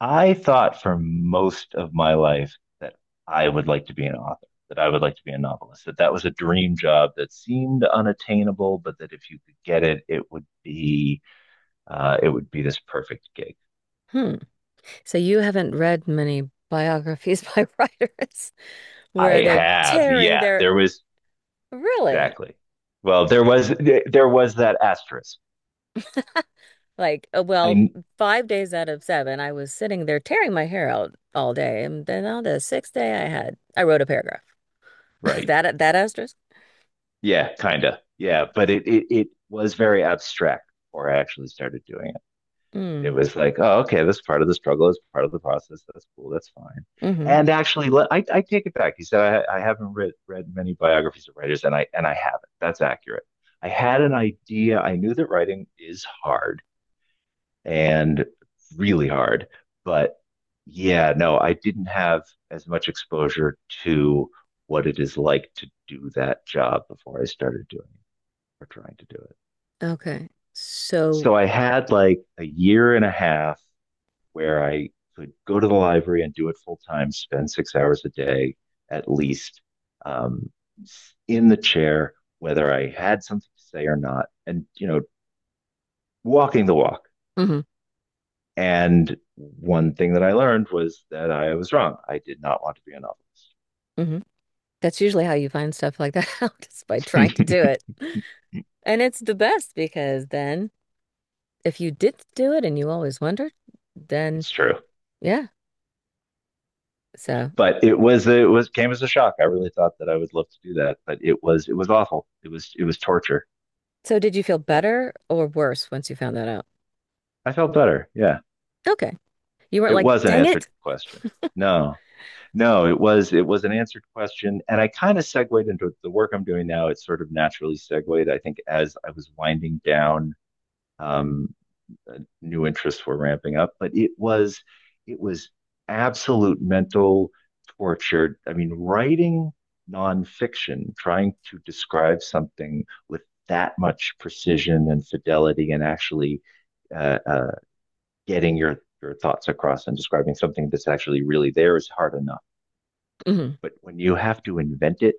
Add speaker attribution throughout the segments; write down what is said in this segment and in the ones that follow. Speaker 1: I thought for most of my life that I would like to be an author, that I would like to be a novelist, that that was a dream job that seemed unattainable, but that if you could get it, it would be this perfect gig.
Speaker 2: Hmm. So you haven't read many biographies by writers where
Speaker 1: I
Speaker 2: they're
Speaker 1: have,
Speaker 2: tearing
Speaker 1: yeah,
Speaker 2: their
Speaker 1: there was
Speaker 2: really
Speaker 1: exactly. Well, there was that asterisk.
Speaker 2: like,
Speaker 1: I
Speaker 2: 5 days out of seven, I was sitting there tearing my hair out all day, and then on the sixth day, I wrote a paragraph.
Speaker 1: Right,
Speaker 2: That that asterisk.
Speaker 1: yeah, kind of, yeah, but it was very abstract before I actually started doing it. It
Speaker 2: Mm.
Speaker 1: was like, oh, okay, this part of the struggle is part of the process. That's cool. That's fine.
Speaker 2: Mm-hmm.
Speaker 1: And actually, I take it back. You said I haven't read many biographies of writers, and I haven't. That's accurate. I had an idea. I knew that writing is hard and really hard, but yeah, no, I didn't have as much exposure to what it is like to do that job before I started doing it or trying to do it.
Speaker 2: Okay. So.
Speaker 1: So I had like a year and a half where I could go to the library and do it full time, spend 6 hours a day at least um, in the chair, whether I had something to say or not, and you know, walking the walk.
Speaker 2: Mm-hmm.
Speaker 1: And one thing that I learned was that I was wrong. I did not want to be a novelist.
Speaker 2: Mm-hmm. That's usually how you find stuff like that out, is by trying to do it. And it's the best because then if you did do it and you always wondered, then
Speaker 1: It's true,
Speaker 2: yeah. So.
Speaker 1: but it was came as a shock. I really thought that I would love to do that, but it was awful. It was torture.
Speaker 2: So did you feel better or worse once you found that out?
Speaker 1: I felt better. Yeah,
Speaker 2: Okay. You weren't
Speaker 1: it
Speaker 2: like,
Speaker 1: was an
Speaker 2: dang
Speaker 1: answered
Speaker 2: it.
Speaker 1: question. No, no, it was an answered question, and I kind of segued into the work I'm doing now. It sort of naturally segued, I think, as I was winding down. Um, New interests were ramping up, but it was absolute mental torture. I mean, writing nonfiction, trying to describe something with that much precision and fidelity, and actually uh, uh, getting your thoughts across and describing something that's actually really there is hard enough
Speaker 2: Hmm.
Speaker 1: but when you have to invent it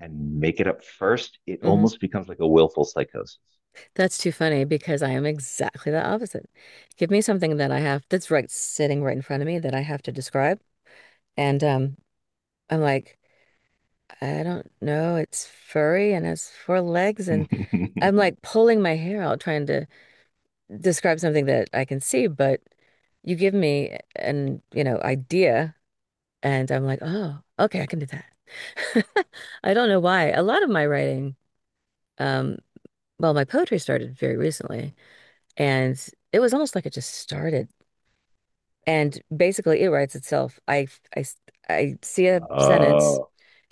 Speaker 1: and make it up first, it
Speaker 2: Hmm.
Speaker 1: almost becomes like a willful psychosis.
Speaker 2: That's too funny because I am exactly the opposite. Give me something that I have that's right sitting right in front of me that I have to describe. And I'm like, I don't know. It's furry and has four legs. And I'm like pulling my hair out trying to describe something that I can see. But you give me an, you know, idea. And I'm like, oh, okay, I can do that. I don't know why. A lot of my writing, um, well, my poetry started very recently, and it was almost like it just started. And basically, it writes itself. I, I see a sentence.
Speaker 1: Oh,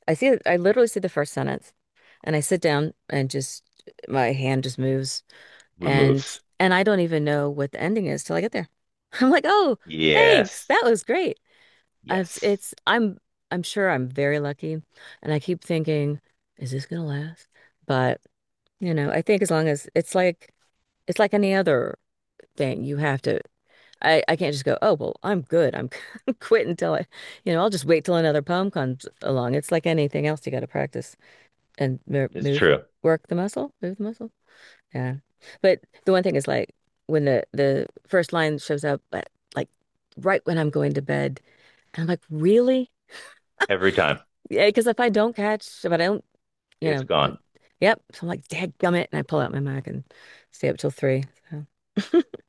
Speaker 2: I see, I literally see the first sentence, and I sit down and just my hand just moves,
Speaker 1: we
Speaker 2: and
Speaker 1: moves.
Speaker 2: and I don't even know what the ending is till I get there. I'm like, oh, thanks,
Speaker 1: Yes.
Speaker 2: that was great. It's,
Speaker 1: Yes.
Speaker 2: it's I'm sure I'm very lucky, and I keep thinking, is this gonna last? But you know, I think as long as it's like any other thing, you have to. I can't just go, oh well, I'm good. I'm quit until I, you know, I'll just wait till another poem comes along. It's like anything else, you got to practice and
Speaker 1: It's
Speaker 2: move,
Speaker 1: true.
Speaker 2: work the muscle, move the muscle. Yeah, but the one thing is like when the first line shows up, but like right when I'm going to bed, and I'm like, really?
Speaker 1: Every time.
Speaker 2: Yeah, because if I don't catch, if I don't, you
Speaker 1: It's
Speaker 2: know, but
Speaker 1: gone.
Speaker 2: yep. So I'm like, dadgummit, and I pull out my Mac and stay up till three. So.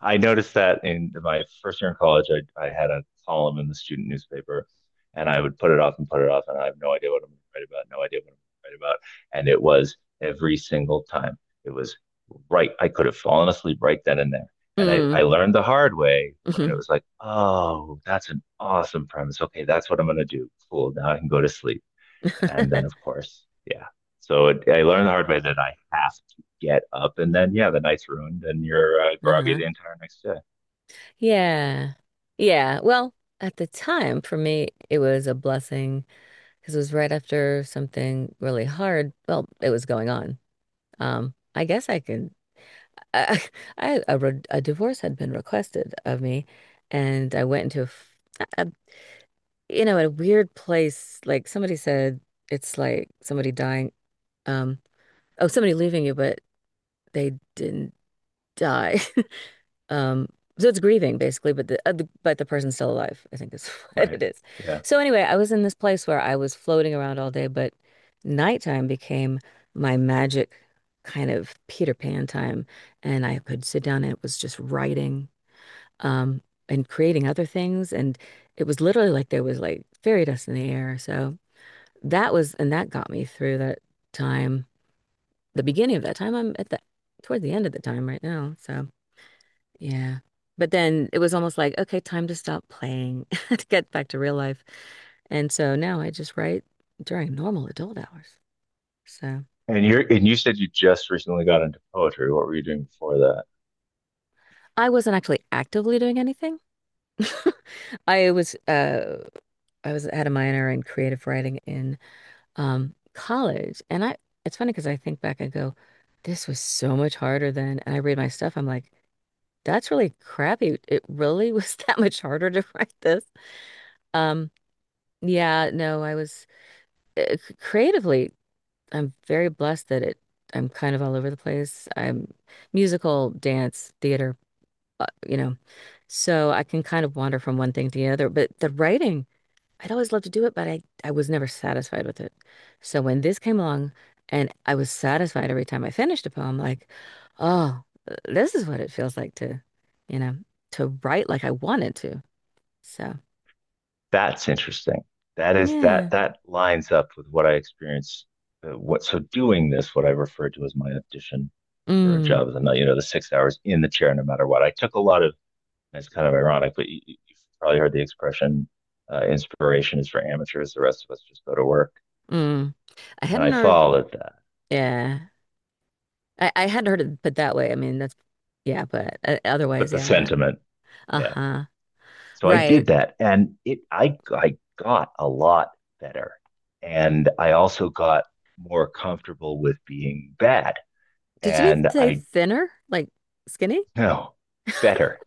Speaker 1: I noticed that in my first year in college, I had a column in the student newspaper, and I would put it off and put it off, and I have no idea what I'm going to write about, no idea what I'm going to write about. And it was every single time. It was right. I could have fallen asleep right then and there. And I,
Speaker 2: Mm.
Speaker 1: I learned the hard way when it
Speaker 2: Hmm.
Speaker 1: was like, oh, that's an awesome premise. Okay, that's what I'm going to do. Cool. Now I can go to sleep. And then, of course, yeah. So it, I learned the hard way that I have to get up, and then yeah, the night's ruined, and you're groggy
Speaker 2: Uh-huh.
Speaker 1: the entire next day.
Speaker 2: Yeah. Yeah. Well, at the time, for me, it was a blessing because it was right after something really hard. Well, it was going on. I guess I could. I, a divorce had been requested of me, and I went into a, a you know, in a weird place, like somebody said, it's like somebody dying. Um, oh, somebody leaving you, but they didn't die. Um, so it's grieving basically, but the but the person's still alive. I think is what
Speaker 1: Right?
Speaker 2: it is.
Speaker 1: Yeah.
Speaker 2: So anyway, I was in this place where I was floating around all day, but nighttime became my magic kind of Peter Pan time, and I could sit down and it was just writing, um, and creating other things, and it was literally like there was like fairy dust in the air. So that was, and that got me through that time, the beginning of that time. I'm at the, toward the end of the time right now. So, yeah. But then it was almost like, okay, time to stop playing to get back to real life. And so now I just write during normal adult hours. So
Speaker 1: And you said you just recently got into poetry. What were you doing before that?
Speaker 2: I wasn't actually actively doing anything. I was uh I was had a minor in creative writing in college and I it's funny because I think back and go this was so much harder then and I read my stuff I'm like that's really crappy. It really was that much harder to write this. Um, yeah, no, creatively, I'm very blessed that it, I'm kind of all over the place. I'm musical, dance, theater, you know, so I can kind of wander from one thing to the other. But the writing, I'd always loved to do it, but I was never satisfied with it. So when this came along and I was satisfied every time I finished a poem, like, oh, this is what it feels like to, you know, to write like I wanted to. So
Speaker 1: That's interesting. That is
Speaker 2: yeah.
Speaker 1: that that lines up with what I experienced. What so doing this, what I refer to as my audition for a
Speaker 2: Mm,
Speaker 1: job as a night, you know, the 6 hours in the chair, no matter what. I took a lot of. And it's kind of ironic, but you've probably heard the expression, inspiration is for amateurs. The rest of us just go to work.
Speaker 2: mm. I
Speaker 1: And
Speaker 2: hadn't
Speaker 1: I
Speaker 2: heard,
Speaker 1: followed that,
Speaker 2: yeah. I hadn't heard it put that way. I mean, that's, yeah, but
Speaker 1: but
Speaker 2: otherwise,
Speaker 1: the
Speaker 2: yeah.
Speaker 1: sentiment, yeah.
Speaker 2: Uh-huh.
Speaker 1: So I
Speaker 2: Right.
Speaker 1: did that, and it I got a lot better, and I also got more comfortable with being bad,
Speaker 2: Did you
Speaker 1: and
Speaker 2: say
Speaker 1: I
Speaker 2: thinner? Like skinny?
Speaker 1: know better.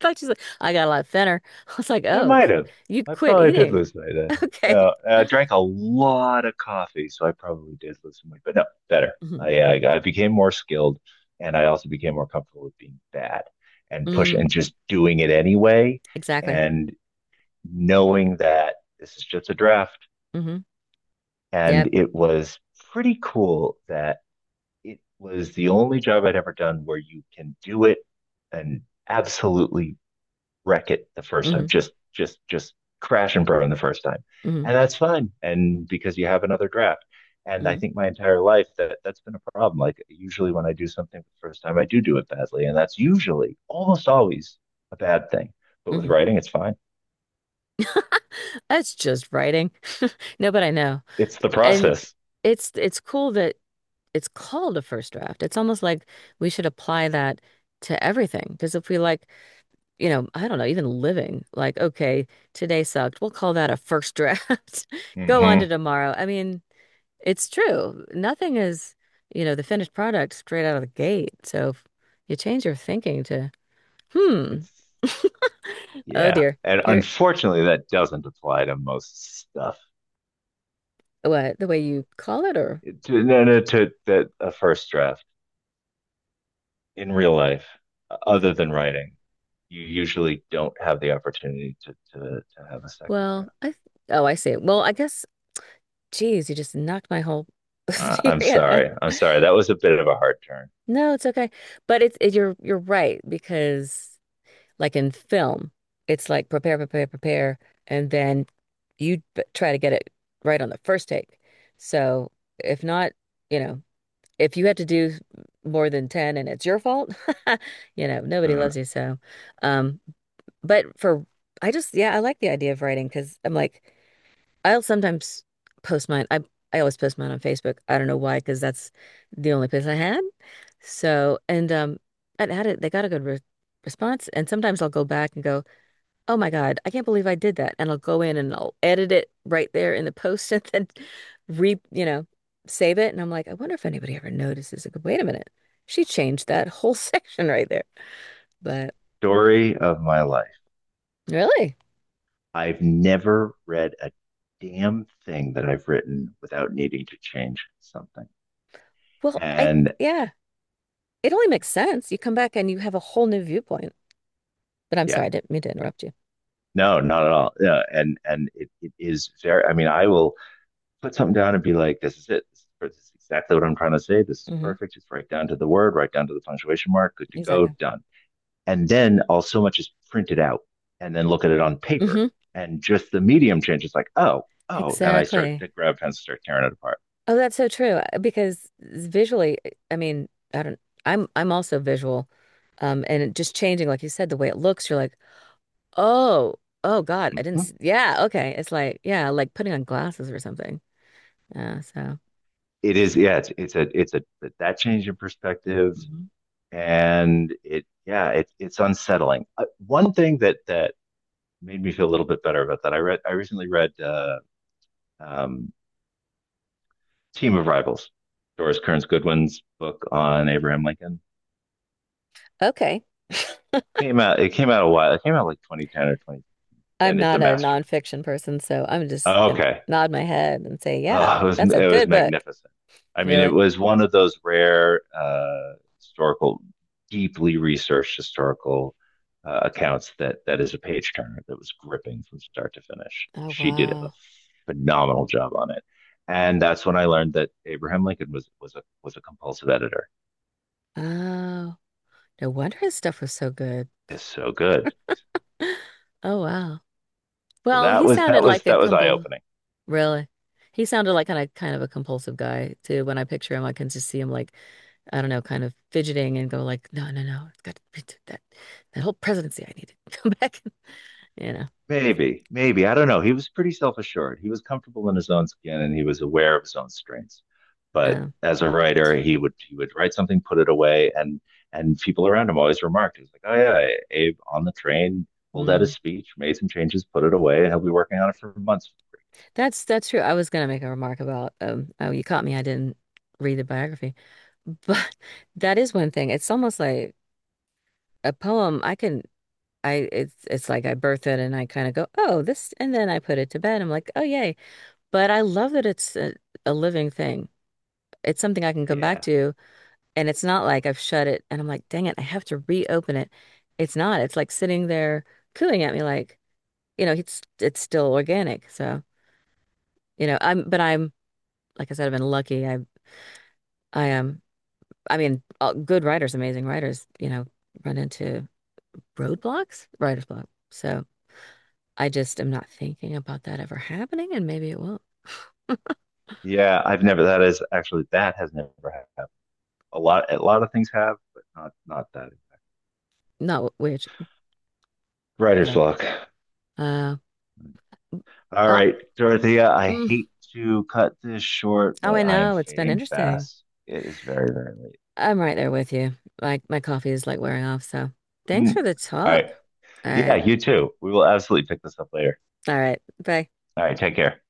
Speaker 2: Thought she's like, I got a lot thinner. I was like,
Speaker 1: I
Speaker 2: oh,
Speaker 1: might have.
Speaker 2: you
Speaker 1: I
Speaker 2: quit
Speaker 1: probably did
Speaker 2: eating.
Speaker 1: lose my that.
Speaker 2: Okay.
Speaker 1: I drank a lot of coffee, so I probably did lose some. But no, better.
Speaker 2: Hmm.
Speaker 1: I became more skilled, and I also became more comfortable with being bad and push
Speaker 2: Mm,
Speaker 1: and just doing it anyway,
Speaker 2: exactly.
Speaker 1: and knowing that this is just a draft.
Speaker 2: Hmm.
Speaker 1: And
Speaker 2: Yep.
Speaker 1: it was pretty cool that it was the only job I'd ever done where you can do it and absolutely wreck it the first time.
Speaker 2: Hmm.
Speaker 1: Just crash and burn the first time.
Speaker 2: Hmm.
Speaker 1: And that's fine. And because you have another draft. And I
Speaker 2: Hmm.
Speaker 1: think my entire life that that's been a problem. Like usually when I do something for the first time, I do do it badly. And that's usually almost always a bad thing. But with
Speaker 2: Hmm.
Speaker 1: writing, it's fine.
Speaker 2: That's just writing. No, but I know.
Speaker 1: It's the
Speaker 2: And
Speaker 1: process.
Speaker 2: it's cool that it's called a first draft. It's almost like we should apply that to everything. Because if we like, you know, I don't know, even living, like, okay, today sucked. We'll call that a first draft. Go on to
Speaker 1: Mm-hmm.
Speaker 2: tomorrow. I mean, it's true. Nothing is, you know, the finished product straight out of the gate. So if you change your thinking to. Hmm.
Speaker 1: It's
Speaker 2: Oh
Speaker 1: yeah.
Speaker 2: dear.
Speaker 1: And
Speaker 2: Here,
Speaker 1: unfortunately that doesn't apply to most stuff.
Speaker 2: what, the way you call it or?
Speaker 1: No, no, to a first draft. In real life, other than writing, you usually don't have the opportunity to have a second
Speaker 2: Well,
Speaker 1: draft.
Speaker 2: oh, I see. Well, I guess, geez, you just knocked my whole
Speaker 1: I'm
Speaker 2: theory out.
Speaker 1: sorry. I'm sorry. That was a bit of a hard turn.
Speaker 2: No, it's okay. But you're right because like in film, it's like prepare, prepare, prepare. And then you try to get it right on the first take. So if not, you know, if you had to do more than 10 and it's your fault, you know, nobody
Speaker 1: Mm.
Speaker 2: loves you. So, um, but for I just yeah, I like the idea of writing because I'm like I'll sometimes post mine. I always post mine on Facebook. I don't know why because that's the only place I had. So and I had it. They got a good re response. And sometimes I'll go back and go, oh my God, I can't believe I did that. And I'll go in and I'll edit it right there in the post and then re you know save it. And I'm like, I wonder if anybody ever notices. Like, wait a minute, she changed that whole section right there. But
Speaker 1: Story of my life.
Speaker 2: really,
Speaker 1: I've never read a damn thing that I've written without needing to change something.
Speaker 2: well, I
Speaker 1: And
Speaker 2: yeah. It only makes sense. You come back and you have a whole new viewpoint. But I'm
Speaker 1: yeah,
Speaker 2: sorry, I didn't mean to interrupt you.
Speaker 1: no, not at all. Yeah, and it is very. I mean, I will put something down and be like, this is it. This is exactly what I'm trying to say. This is
Speaker 2: Hmm.
Speaker 1: perfect. It's right down to the word, right down to the punctuation mark. Good to go.
Speaker 2: Exactly.
Speaker 1: Done. And then all so much is printed out and then look at it on paper.
Speaker 2: Hmm.
Speaker 1: And just the medium changes like, oh, oh. And I start
Speaker 2: Exactly.
Speaker 1: to grab pens and start tearing it apart.
Speaker 2: Oh, that's so true. Because visually, I mean, I don't, I'm also visual. And it just changing, like you said, the way it looks, you're like, oh, oh God, I didn't
Speaker 1: Mm-hmm.
Speaker 2: see. Yeah. Okay. It's like, yeah, like putting on glasses or something. Yeah. So,
Speaker 1: It is, yeah, that change in perspective.
Speaker 2: mhm.
Speaker 1: And it, yeah, it's unsettling. One thing that made me feel a little bit better about that, I recently read, um, Team of Rivals, Doris Kearns Goodwin's book on Abraham Lincoln.
Speaker 2: Okay.
Speaker 1: Came out. It came out a while. It came out like 2010 or 20,
Speaker 2: I'm
Speaker 1: and it's a
Speaker 2: not a
Speaker 1: masterpiece.
Speaker 2: nonfiction person, so I'm just
Speaker 1: Oh,
Speaker 2: gonna
Speaker 1: okay,
Speaker 2: nod my head and say, yeah,
Speaker 1: oh, it was
Speaker 2: that's a
Speaker 1: it was
Speaker 2: good book.
Speaker 1: magnificent. I mean, it
Speaker 2: Really.
Speaker 1: was one of those rare historical, deeply researched historical accounts that that is a page turner that was gripping from start to finish.
Speaker 2: Oh,
Speaker 1: She did a
Speaker 2: wow.
Speaker 1: phenomenal job on it, and that's when I learned that Abraham Lincoln was a compulsive editor.
Speaker 2: Oh, no wonder his stuff was so good.
Speaker 1: It's so good.
Speaker 2: Oh, wow.
Speaker 1: So
Speaker 2: Well,
Speaker 1: that
Speaker 2: he
Speaker 1: was
Speaker 2: sounded
Speaker 1: that was
Speaker 2: like a
Speaker 1: that was eye
Speaker 2: compul
Speaker 1: opening.
Speaker 2: really. He sounded like kind of a compulsive guy too. When I picture him, I can just see him like, I don't know, kind of fidgeting and go like, no, no, no, it's got to be that that whole presidency I need to come back. You know.
Speaker 1: Maybe, maybe I don't know. He was pretty self assured. He was comfortable in his own skin, and he was aware of his own strengths. But
Speaker 2: Um,
Speaker 1: as a writer, he
Speaker 2: Mm.
Speaker 1: would he would write something, put it away, and people around him always remarked, "He's like, oh yeah, Abe on the train pulled out his
Speaker 2: Mm,
Speaker 1: speech, made some changes, put it away, and he'll be working on it for months."
Speaker 2: that's true. I was gonna make a remark about um oh you caught me. I didn't read the biography. But that is one thing. It's almost like a poem. I can. I it's like I birth it and I kind of go, oh, this, and then I put it to bed. I'm like, oh, yay. But I love that it's a living thing. It's something I can come back
Speaker 1: Yeah,
Speaker 2: to, and it's not like I've shut it and I'm like, dang it, I have to reopen it. It's not. It's like sitting there cooing at me, like, you know, it's still organic. So, you know, but I'm, like I said, I've been lucky. I am. I mean, all, good writers, amazing writers, you know, run into roadblocks, writer's block. So. I just am not thinking about that ever happening, and maybe it will.
Speaker 1: yeah. I've never. That is actually that has never happened. A lot of things have, but not not that.
Speaker 2: Not which,
Speaker 1: Writer's
Speaker 2: but,
Speaker 1: block.
Speaker 2: uh,
Speaker 1: All
Speaker 2: oh,
Speaker 1: right, Dorothea, I
Speaker 2: mm,
Speaker 1: hate to cut this short,
Speaker 2: oh, I
Speaker 1: but I am
Speaker 2: know. It's been
Speaker 1: fading
Speaker 2: interesting.
Speaker 1: fast. It is very, very late.
Speaker 2: I'm right there with you. Like, my coffee is like wearing off, so thanks for
Speaker 1: Mm.
Speaker 2: the
Speaker 1: All
Speaker 2: talk.
Speaker 1: right.
Speaker 2: All
Speaker 1: Yeah,
Speaker 2: right.
Speaker 1: you too. We will absolutely pick this up later.
Speaker 2: All right. Bye.
Speaker 1: All right, take care.